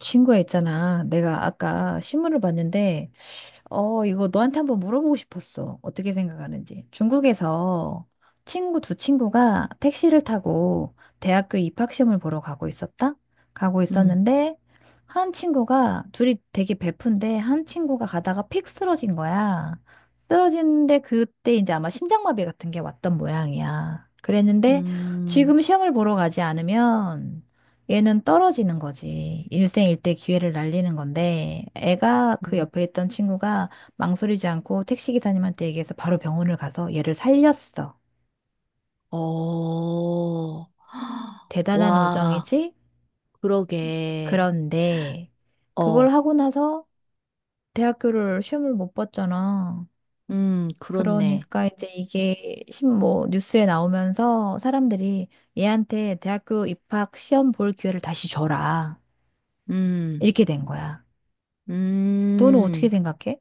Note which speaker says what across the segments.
Speaker 1: 친구야 있잖아. 내가 아까 신문을 봤는데, 이거 너한테 한번 물어보고 싶었어. 어떻게 생각하는지. 중국에서 친구 두 친구가 택시를 타고 대학교 입학시험을 보러 가고 있었다? 가고
Speaker 2: 음.
Speaker 1: 있었는데, 한 친구가, 둘이 되게 베푼데, 한 친구가 가다가 픽 쓰러진 거야. 쓰러지는데, 그때 이제 아마 심장마비 같은 게 왔던 모양이야. 그랬는데,
Speaker 2: 음.
Speaker 1: 지금 시험을 보러 가지 않으면, 얘는 떨어지는 거지. 일생일대 기회를 날리는 건데, 애가 그
Speaker 2: 음.
Speaker 1: 옆에 있던 친구가 망설이지 않고 택시기사님한테 얘기해서 바로 병원을 가서 얘를 살렸어.
Speaker 2: 어.
Speaker 1: 대단한
Speaker 2: 와.
Speaker 1: 우정이지?
Speaker 2: 그러게.
Speaker 1: 그런데, 그걸
Speaker 2: 어.
Speaker 1: 하고 나서 대학교를 시험을 못 봤잖아.
Speaker 2: 그렇네.
Speaker 1: 그러니까 이제 이게 신 뭐 뉴스에 나오면서 사람들이 얘한테 대학교 입학 시험 볼 기회를 다시 줘라.
Speaker 2: 음.
Speaker 1: 이렇게 된 거야. 너는 어떻게
Speaker 2: 음.
Speaker 1: 생각해?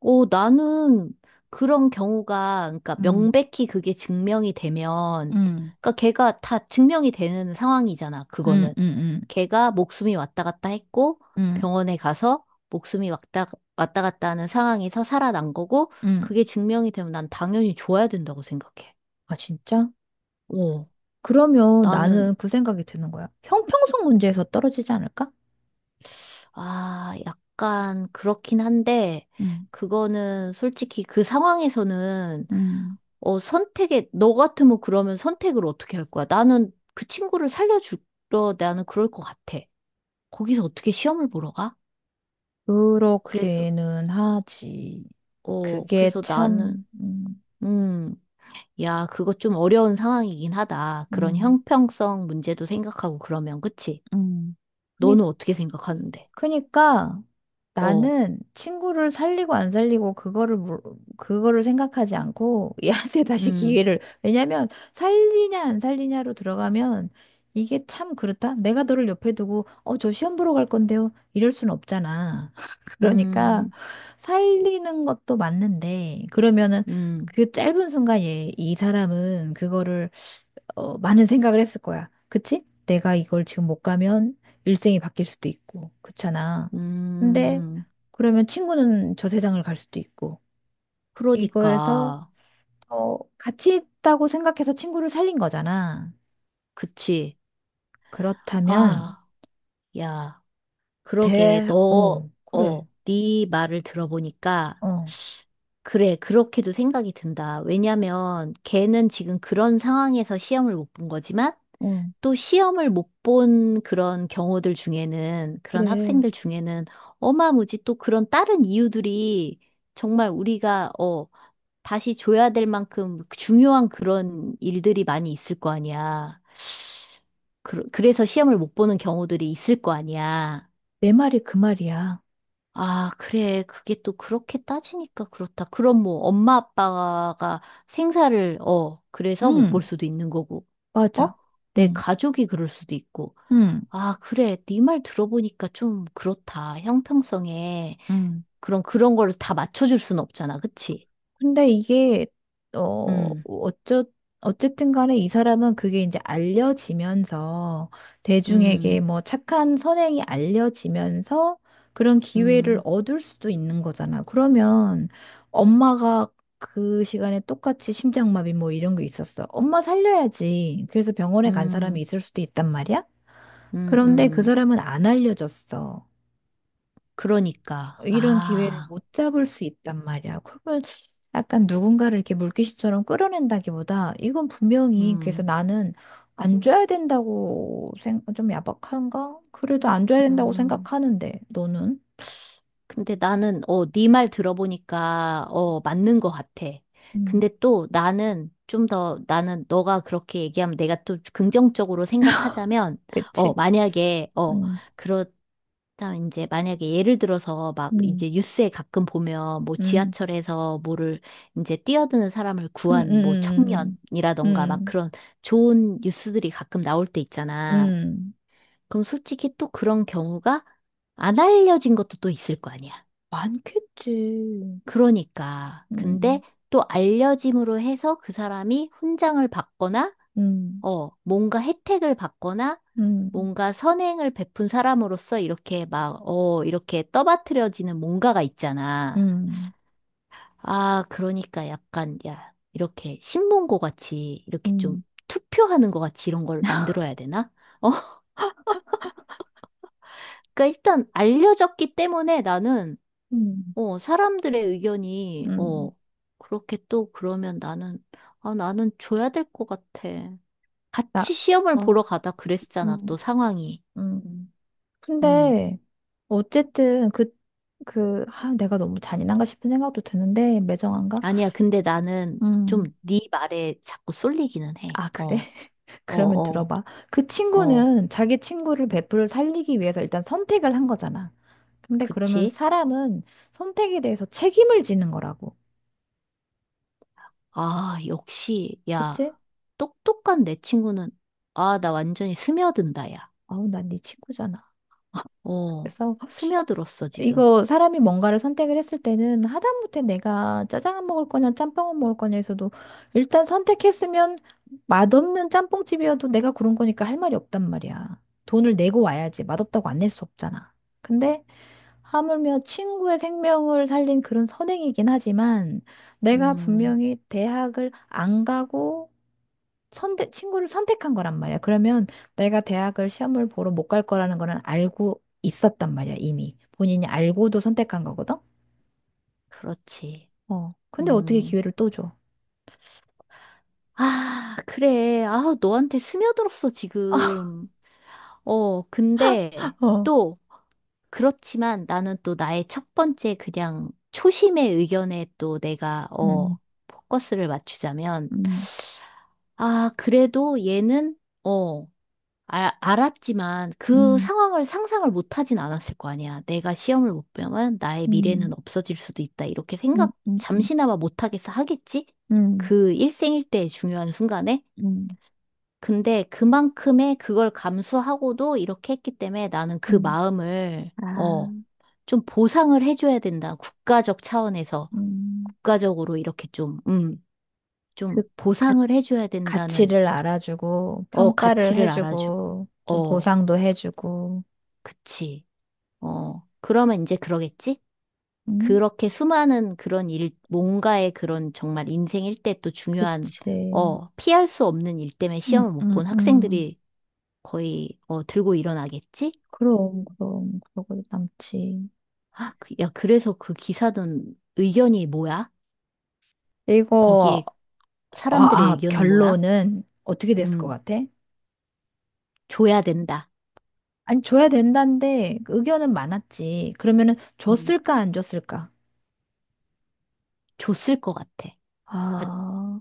Speaker 2: 오, 나는 그런 경우가, 그러니까
Speaker 1: 음.
Speaker 2: 명백히 그게 증명이 되면,
Speaker 1: 음.
Speaker 2: 그러니까 걔가 다 증명이 되는 상황이잖아,
Speaker 1: 음,
Speaker 2: 그거는.
Speaker 1: 음,
Speaker 2: 걔가 목숨이 왔다 갔다 했고,
Speaker 1: 음, 음,
Speaker 2: 병원에 가서 목숨이 왔다 갔다 하는 상황에서 살아난 거고,
Speaker 1: 음.
Speaker 2: 그게 증명이 되면 난 당연히 줘야 된다고 생각해.
Speaker 1: 아, 진짜?
Speaker 2: 오,
Speaker 1: 그러면
Speaker 2: 나는.
Speaker 1: 나는 그 생각이 드는 거야. 형평성 문제에서 떨어지지 않을까?
Speaker 2: 아, 약간 그렇긴 한데,
Speaker 1: 음,
Speaker 2: 그거는 솔직히 그 상황에서는,
Speaker 1: 음,
Speaker 2: 너 같으면 그러면 선택을 어떻게 할 거야? 나는 그 친구를 살려주러, 나는 그럴 것 같아. 거기서 어떻게 시험을 보러 가? 그래서,
Speaker 1: 그렇기는 하지.
Speaker 2: 어,
Speaker 1: 그게
Speaker 2: 그래서 나는.
Speaker 1: 참,
Speaker 2: 음, 야, 그거 좀 어려운 상황이긴 하다. 그런
Speaker 1: 음,
Speaker 2: 형평성 문제도 생각하고 그러면, 그치?
Speaker 1: 음.
Speaker 2: 너는 어떻게 생각하는데?
Speaker 1: 그러니까
Speaker 2: 어.
Speaker 1: 나는 친구를 살리고 안 살리고 그거를 그거를 생각하지 않고 얘한테 다시
Speaker 2: 음.
Speaker 1: 기회를 왜냐면 살리냐 안 살리냐로 들어가면 이게 참 그렇다. 내가 너를 옆에 두고 저 시험 보러 갈 건데요. 이럴 순 없잖아. 그러니까
Speaker 2: 음.
Speaker 1: 살리는 것도 맞는데 그러면은
Speaker 2: 음.
Speaker 1: 그 짧은 순간 얘, 이 사람은 그거를 많은 생각을 했을 거야. 그치? 내가 이걸 지금 못 가면 일생이 바뀔 수도 있고, 그렇잖아. 근데
Speaker 2: 음.
Speaker 1: 그러면 친구는 저 세상을 갈 수도 있고, 이거에서
Speaker 2: 그러니까,
Speaker 1: 같이 있다고 생각해서 친구를 살린 거잖아.
Speaker 2: 그치?
Speaker 1: 그렇다면
Speaker 2: 아, 야. 그러게, 너, 어,
Speaker 1: 그래,
Speaker 2: 네 말을 들어보니까,
Speaker 1: 어,
Speaker 2: 그래, 그렇게도 생각이 든다. 왜냐면, 걔는 지금 그런 상황에서 시험을 못 본 거지만,
Speaker 1: 어,
Speaker 2: 또 시험을 못 본 그런 경우들 중에는, 그런
Speaker 1: 그래.
Speaker 2: 학생들 중에는, 어마무지 또 그런 다른 이유들이 정말 우리가, 다시 줘야 될 만큼 중요한 그런 일들이 많이 있을 거 아니야. 그래서 시험을 못 보는 경우들이 있을 거 아니야.
Speaker 1: 내 말이 그 말이야.
Speaker 2: 아, 그래. 그게 또 그렇게 따지니까 그렇다. 그럼 뭐 엄마 아빠가 생사를, 그래서 못 볼
Speaker 1: 응,
Speaker 2: 수도 있는 거고. 어?
Speaker 1: 맞아.
Speaker 2: 내
Speaker 1: 응,
Speaker 2: 가족이 그럴 수도 있고.
Speaker 1: 응,
Speaker 2: 아, 그래. 네 말 들어보니까 좀 그렇다. 형평성에
Speaker 1: 응.
Speaker 2: 그런 거를 다 맞춰 줄 순 없잖아. 그치?
Speaker 1: 근데 이게 어
Speaker 2: 음.
Speaker 1: 어쩌 어쨌든 간에 이 사람은 그게 이제 알려지면서 대중에게
Speaker 2: 음.
Speaker 1: 뭐 착한 선행이 알려지면서 그런 기회를
Speaker 2: 음.
Speaker 1: 얻을 수도 있는 거잖아. 그러면 엄마가 그 시간에 똑같이 심장마비 뭐 이런 게 있었어. 엄마 살려야지. 그래서 병원에 간 사람이
Speaker 2: 음.
Speaker 1: 있을 수도 있단 말이야.
Speaker 2: 음.
Speaker 1: 그런데 그
Speaker 2: 음.
Speaker 1: 사람은 안 알려졌어.
Speaker 2: 그러니까.
Speaker 1: 이런 기회를
Speaker 2: 아.
Speaker 1: 못 잡을 수 있단 말이야. 그러면 약간 누군가를 이렇게 물귀신처럼 끌어낸다기보다 이건 분명히 그래서
Speaker 2: 음.
Speaker 1: 나는 안 줘야 된다고 생좀 야박한가? 그래도 안 줘야 된다고
Speaker 2: 음.
Speaker 1: 생각하는데 너는?
Speaker 2: 근데 나는, 네 말 들어보니까, 맞는 것 같아.
Speaker 1: 음,
Speaker 2: 근데 또 나는 좀 더, 나는 너가 그렇게 얘기하면 내가 또 긍정적으로 생각하자면,
Speaker 1: 그치?
Speaker 2: 어, 만약에,
Speaker 1: 음,
Speaker 2: 그렇, 다 이제 만약에 예를 들어서 막
Speaker 1: 음,
Speaker 2: 이제 뉴스에 가끔 보면 뭐
Speaker 1: 음,
Speaker 2: 지하철에서 뭐를 이제 뛰어드는 사람을
Speaker 1: 음,
Speaker 2: 구한 뭐
Speaker 1: 음, 음,
Speaker 2: 청년이라던가 막
Speaker 1: 음,
Speaker 2: 그런 좋은 뉴스들이 가끔 나올 때
Speaker 1: 음,
Speaker 2: 있잖아.
Speaker 1: 음.
Speaker 2: 그럼 솔직히 또 그런 경우가 안 알려진 것도 또 있을 거 아니야.
Speaker 1: 많겠지.
Speaker 2: 그러니까. 근데
Speaker 1: 음,
Speaker 2: 또 알려짐으로 해서 그 사람이 훈장을 받거나,
Speaker 1: 음,
Speaker 2: 뭔가 혜택을 받거나,
Speaker 1: 음,
Speaker 2: 뭔가 선행을 베푼 사람으로서 이렇게 막, 이렇게 떠받들여지는 뭔가가 있잖아.
Speaker 1: 음,
Speaker 2: 아, 그러니까 약간, 야, 이렇게 신문고 같이, 이렇게 좀
Speaker 1: 음,
Speaker 2: 투표하는 거 같이 이런 걸 만들어야 되나? 어. 그러니까 일단 알려졌기 때문에 나는,
Speaker 1: 음,
Speaker 2: 사람들의 의견이,
Speaker 1: 음.
Speaker 2: 그렇게 또 그러면 나는, 아, 나는 줘야 될 것 같아.
Speaker 1: 나,
Speaker 2: 같이 시험을
Speaker 1: 어,
Speaker 2: 보러 가다 그랬잖아,
Speaker 1: 음,
Speaker 2: 또 상황이.
Speaker 1: 음.
Speaker 2: 음,
Speaker 1: 근데 어쨌든 그, 아, 내가 너무 잔인한가 싶은 생각도 드는데, 매정한가?
Speaker 2: 아니야, 근데 나는 좀
Speaker 1: 음,
Speaker 2: 네 말에 자꾸 쏠리기는 해.
Speaker 1: 아, 그래?
Speaker 2: 어. 어.
Speaker 1: 그러면
Speaker 2: 어.
Speaker 1: 들어봐. 그
Speaker 2: 어.
Speaker 1: 친구는 자기 친구를
Speaker 2: 음,
Speaker 1: 베프를 살리기 위해서 일단 선택을 한 거잖아. 근데 그러면
Speaker 2: 그치?
Speaker 1: 사람은 선택에 대해서 책임을 지는 거라고.
Speaker 2: 아, 역시, 야,
Speaker 1: 그치?
Speaker 2: 똑똑한 내 친구는, 아, 나 완전히 스며든다, 야.
Speaker 1: 아우, 난 네 친구잖아.
Speaker 2: 어,
Speaker 1: 그래서
Speaker 2: 스며들었어, 지금.
Speaker 1: 이거 사람이 뭔가를 선택을 했을 때는 하다못해 내가 짜장을 먹을 거냐 짬뽕을 먹을 거냐에서도 일단 선택했으면 맛없는 짬뽕집이어도 내가 고른 거니까 할 말이 없단 말이야. 돈을 내고 와야지 맛없다고 안 낼 수 없잖아. 근데 하물며 친구의 생명을 살린 그런 선행이긴 하지만 내가
Speaker 2: 음,
Speaker 1: 분명히 대학을 안 가고 선택, 친구를 선택한 거란 말이야. 그러면 내가 대학을 시험을 보러 못 갈 거라는 거는 알고 있었단 말이야, 이미. 본인이 알고도 선택한 거거든?
Speaker 2: 그렇지.
Speaker 1: 어. 근데 어떻게
Speaker 2: 음.
Speaker 1: 기회를 또 줘?
Speaker 2: 아, 그래. 아, 너한테 스며들었어, 지금. 어, 근데
Speaker 1: 어.
Speaker 2: 또, 그렇지만 나는 또 나의 첫 번째 그냥 초심의 의견에 또 내가,
Speaker 1: 음,
Speaker 2: 포커스를 맞추자면,
Speaker 1: 음,
Speaker 2: 아, 그래도 얘는, 어, 알 알았지만 그
Speaker 1: 음,
Speaker 2: 상황을 상상을 못 하진 않았을 거 아니야. 내가 시험을 못 보면 나의
Speaker 1: 음,
Speaker 2: 미래는 없어질 수도 있다. 이렇게
Speaker 1: 음,
Speaker 2: 생각
Speaker 1: 음, 음,
Speaker 2: 잠시나마 못 하겠어, 하겠지?
Speaker 1: 음,
Speaker 2: 그 일생일대의 중요한 순간에?
Speaker 1: 음.
Speaker 2: 근데 그만큼의 그걸 감수하고도 이렇게 했기 때문에 나는 그
Speaker 1: 음.
Speaker 2: 마음을,
Speaker 1: 아,
Speaker 2: 좀 보상을 해줘야 된다. 국가적 차원에서.
Speaker 1: 음,
Speaker 2: 국가적으로 이렇게 좀, 좀
Speaker 1: 그 가,
Speaker 2: 보상을 해줘야 된다는,
Speaker 1: 가치를 알아주고,
Speaker 2: 어,
Speaker 1: 평가를
Speaker 2: 가치를 알아주고.
Speaker 1: 해주고, 좀
Speaker 2: 어,
Speaker 1: 보상도 해주고.
Speaker 2: 그치. 어, 그러면 이제 그러겠지?
Speaker 1: 음,
Speaker 2: 그렇게 수많은 그런 일, 뭔가의 그런 정말 인생 일대 또 중요한,
Speaker 1: 그치.
Speaker 2: 피할 수 없는 일 때문에
Speaker 1: 음,
Speaker 2: 시험을 못
Speaker 1: 음,
Speaker 2: 본
Speaker 1: 음.
Speaker 2: 학생들이 거의, 들고 일어나겠지?
Speaker 1: 그럼, 그럼, 그러고 남지.
Speaker 2: 아, 야, 그래서 그 기사는 의견이 뭐야?
Speaker 1: 이거,
Speaker 2: 거기에
Speaker 1: 아,
Speaker 2: 사람들의
Speaker 1: 아,
Speaker 2: 의견은 뭐야?
Speaker 1: 결론은 어떻게 됐을 것
Speaker 2: 음,
Speaker 1: 같아?
Speaker 2: 줘야 된다.
Speaker 1: 아니, 줘야 된다는데 의견은 많았지. 그러면은
Speaker 2: 음,
Speaker 1: 줬을까, 안 줬을까?
Speaker 2: 줬을 것 같아. 아,
Speaker 1: 아,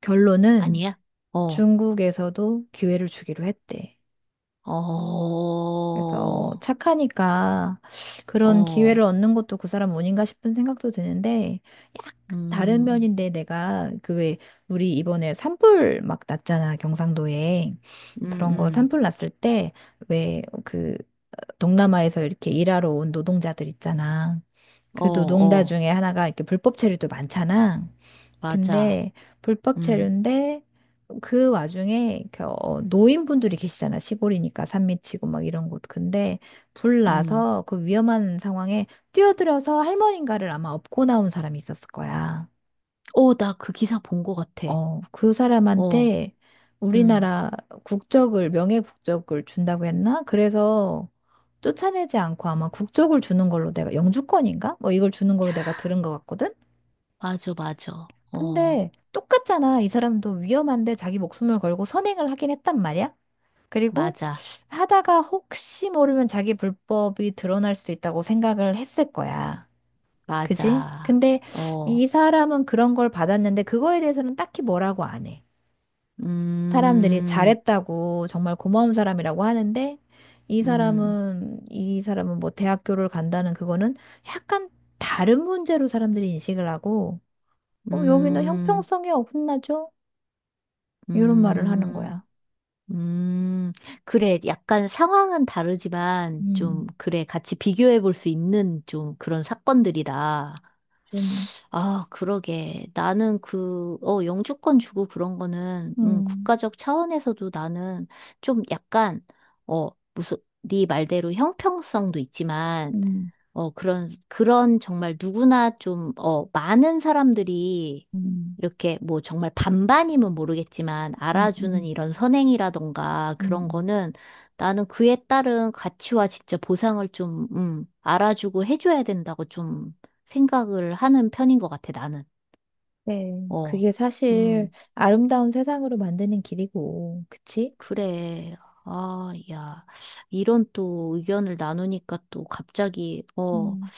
Speaker 1: 결론은
Speaker 2: 아니야? 어.
Speaker 1: 중국에서도 기회를 주기로 했대.
Speaker 2: 어.
Speaker 1: 그래서 착하니까 그런 기회를
Speaker 2: 어.
Speaker 1: 얻는 것도 그 사람 운인가 싶은 생각도 드는데 약간 다른
Speaker 2: 음.
Speaker 1: 면인데 내가 그 왜 우리 이번에 산불 막 났잖아 경상도에
Speaker 2: 음.
Speaker 1: 그런 거
Speaker 2: 음.
Speaker 1: 산불 났을 때 왜 그 동남아에서 이렇게 일하러 온 노동자들 있잖아
Speaker 2: 어.
Speaker 1: 그 노동자
Speaker 2: 어,
Speaker 1: 중에 하나가 이렇게 불법 체류도 많잖아
Speaker 2: 맞아.
Speaker 1: 근데 불법
Speaker 2: 음.
Speaker 1: 체류인데 그 와중에 그, 노인분들이 계시잖아. 시골이니까 산 밑이고 막 이런 곳. 근데 불
Speaker 2: 음.
Speaker 1: 나서 그 위험한 상황에 뛰어들어서 할머니인가를 아마 업고 나온 사람이 있었을 거야.
Speaker 2: 어, 나 그 기사 본 것 같아.
Speaker 1: 어, 그
Speaker 2: 어.
Speaker 1: 사람한테
Speaker 2: 음,
Speaker 1: 우리나라 국적을, 명예 국적을 준다고 했나? 그래서 쫓아내지 않고 아마 국적을 주는 걸로 내가 영주권인가? 뭐 이걸 주는 걸로 내가 들은 것 같거든?
Speaker 2: 맞아, 맞아. 어,
Speaker 1: 근데 똑같잖아. 이 사람도 위험한데 자기 목숨을 걸고 선행을 하긴 했단 말이야. 그리고
Speaker 2: 맞아,
Speaker 1: 하다가 혹시 모르면 자기 불법이 드러날 수도 있다고 생각을 했을 거야. 그지?
Speaker 2: 맞아.
Speaker 1: 근데
Speaker 2: 어.
Speaker 1: 이 사람은 그런 걸 받았는데 그거에 대해서는 딱히 뭐라고 안 해. 사람들이
Speaker 2: 음.
Speaker 1: 잘했다고 정말 고마운 사람이라고 하는데 이
Speaker 2: 음.
Speaker 1: 사람은 이 사람은 뭐 대학교를 간다는 그거는 약간 다른 문제로 사람들이 인식을 하고 여기는
Speaker 2: 음.
Speaker 1: 형평성이 어긋나죠? 이런 말을 하는
Speaker 2: 음.
Speaker 1: 거야.
Speaker 2: 음. 그래, 약간 상황은 다르지만, 좀,
Speaker 1: 음,
Speaker 2: 그래, 같이 비교해 볼 수 있는 좀 그런 사건들이다.
Speaker 1: 좀,
Speaker 2: 아, 그러게. 나는 그, 영주권 주고 그런 거는,
Speaker 1: 음,
Speaker 2: 국가적 차원에서도 나는 좀 약간, 어, 무슨, 네 말대로 형평성도 있지만,
Speaker 1: 음,
Speaker 2: 어, 그런 정말 누구나 좀, 많은 사람들이
Speaker 1: 음,
Speaker 2: 이렇게 뭐 정말 반반이면 모르겠지만
Speaker 1: 음,
Speaker 2: 알아주는
Speaker 1: 음,
Speaker 2: 이런 선행이라던가 그런
Speaker 1: 음.
Speaker 2: 거는 나는 그에 따른 가치와 진짜 보상을 좀, 알아주고 해줘야 된다고 좀 생각을 하는 편인 것 같아, 나는.
Speaker 1: 네.
Speaker 2: 어.
Speaker 1: 그게 사실
Speaker 2: 음.
Speaker 1: 아름다운 세상으로 만드는 길이고, 그치?
Speaker 2: 그래. 아, 야, 이런 또 의견을 나누니까 또 갑자기,
Speaker 1: 음.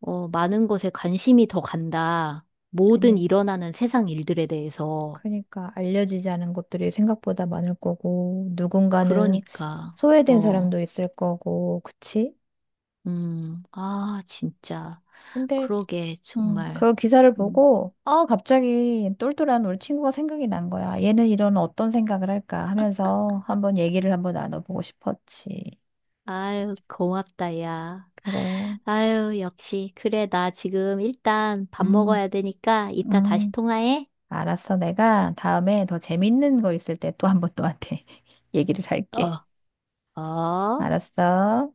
Speaker 2: 어, 많은 것에 관심이 더 간다. 모든
Speaker 1: 그니,
Speaker 2: 일어나는 세상 일들에 대해서.
Speaker 1: 그러니까 알려지지 않은 것들이 생각보다 많을 거고, 누군가는
Speaker 2: 그러니까.
Speaker 1: 소외된
Speaker 2: 어.
Speaker 1: 사람도 있을 거고, 그치?
Speaker 2: 음. 아, 진짜.
Speaker 1: 근데
Speaker 2: 그러게, 정말.
Speaker 1: 그 기사를
Speaker 2: 음.
Speaker 1: 보고, 아, 갑자기 똘똘한 우리 친구가 생각이 난 거야. 얘는 이런 어떤 생각을 할까 하면서 한번 얘기를 한번 나눠보고 싶었지.
Speaker 2: 아유, 고맙다, 야.
Speaker 1: 그래.
Speaker 2: 아유, 역시. 그래, 나 지금 일단 밥
Speaker 1: 음,
Speaker 2: 먹어야 되니까 이따 다시
Speaker 1: 음.
Speaker 2: 통화해.
Speaker 1: 알았어. 내가 다음에 더 재밌는 거 있을 때 또 한번 너한테 얘기를 할게.
Speaker 2: 어. 어.
Speaker 1: 알았어.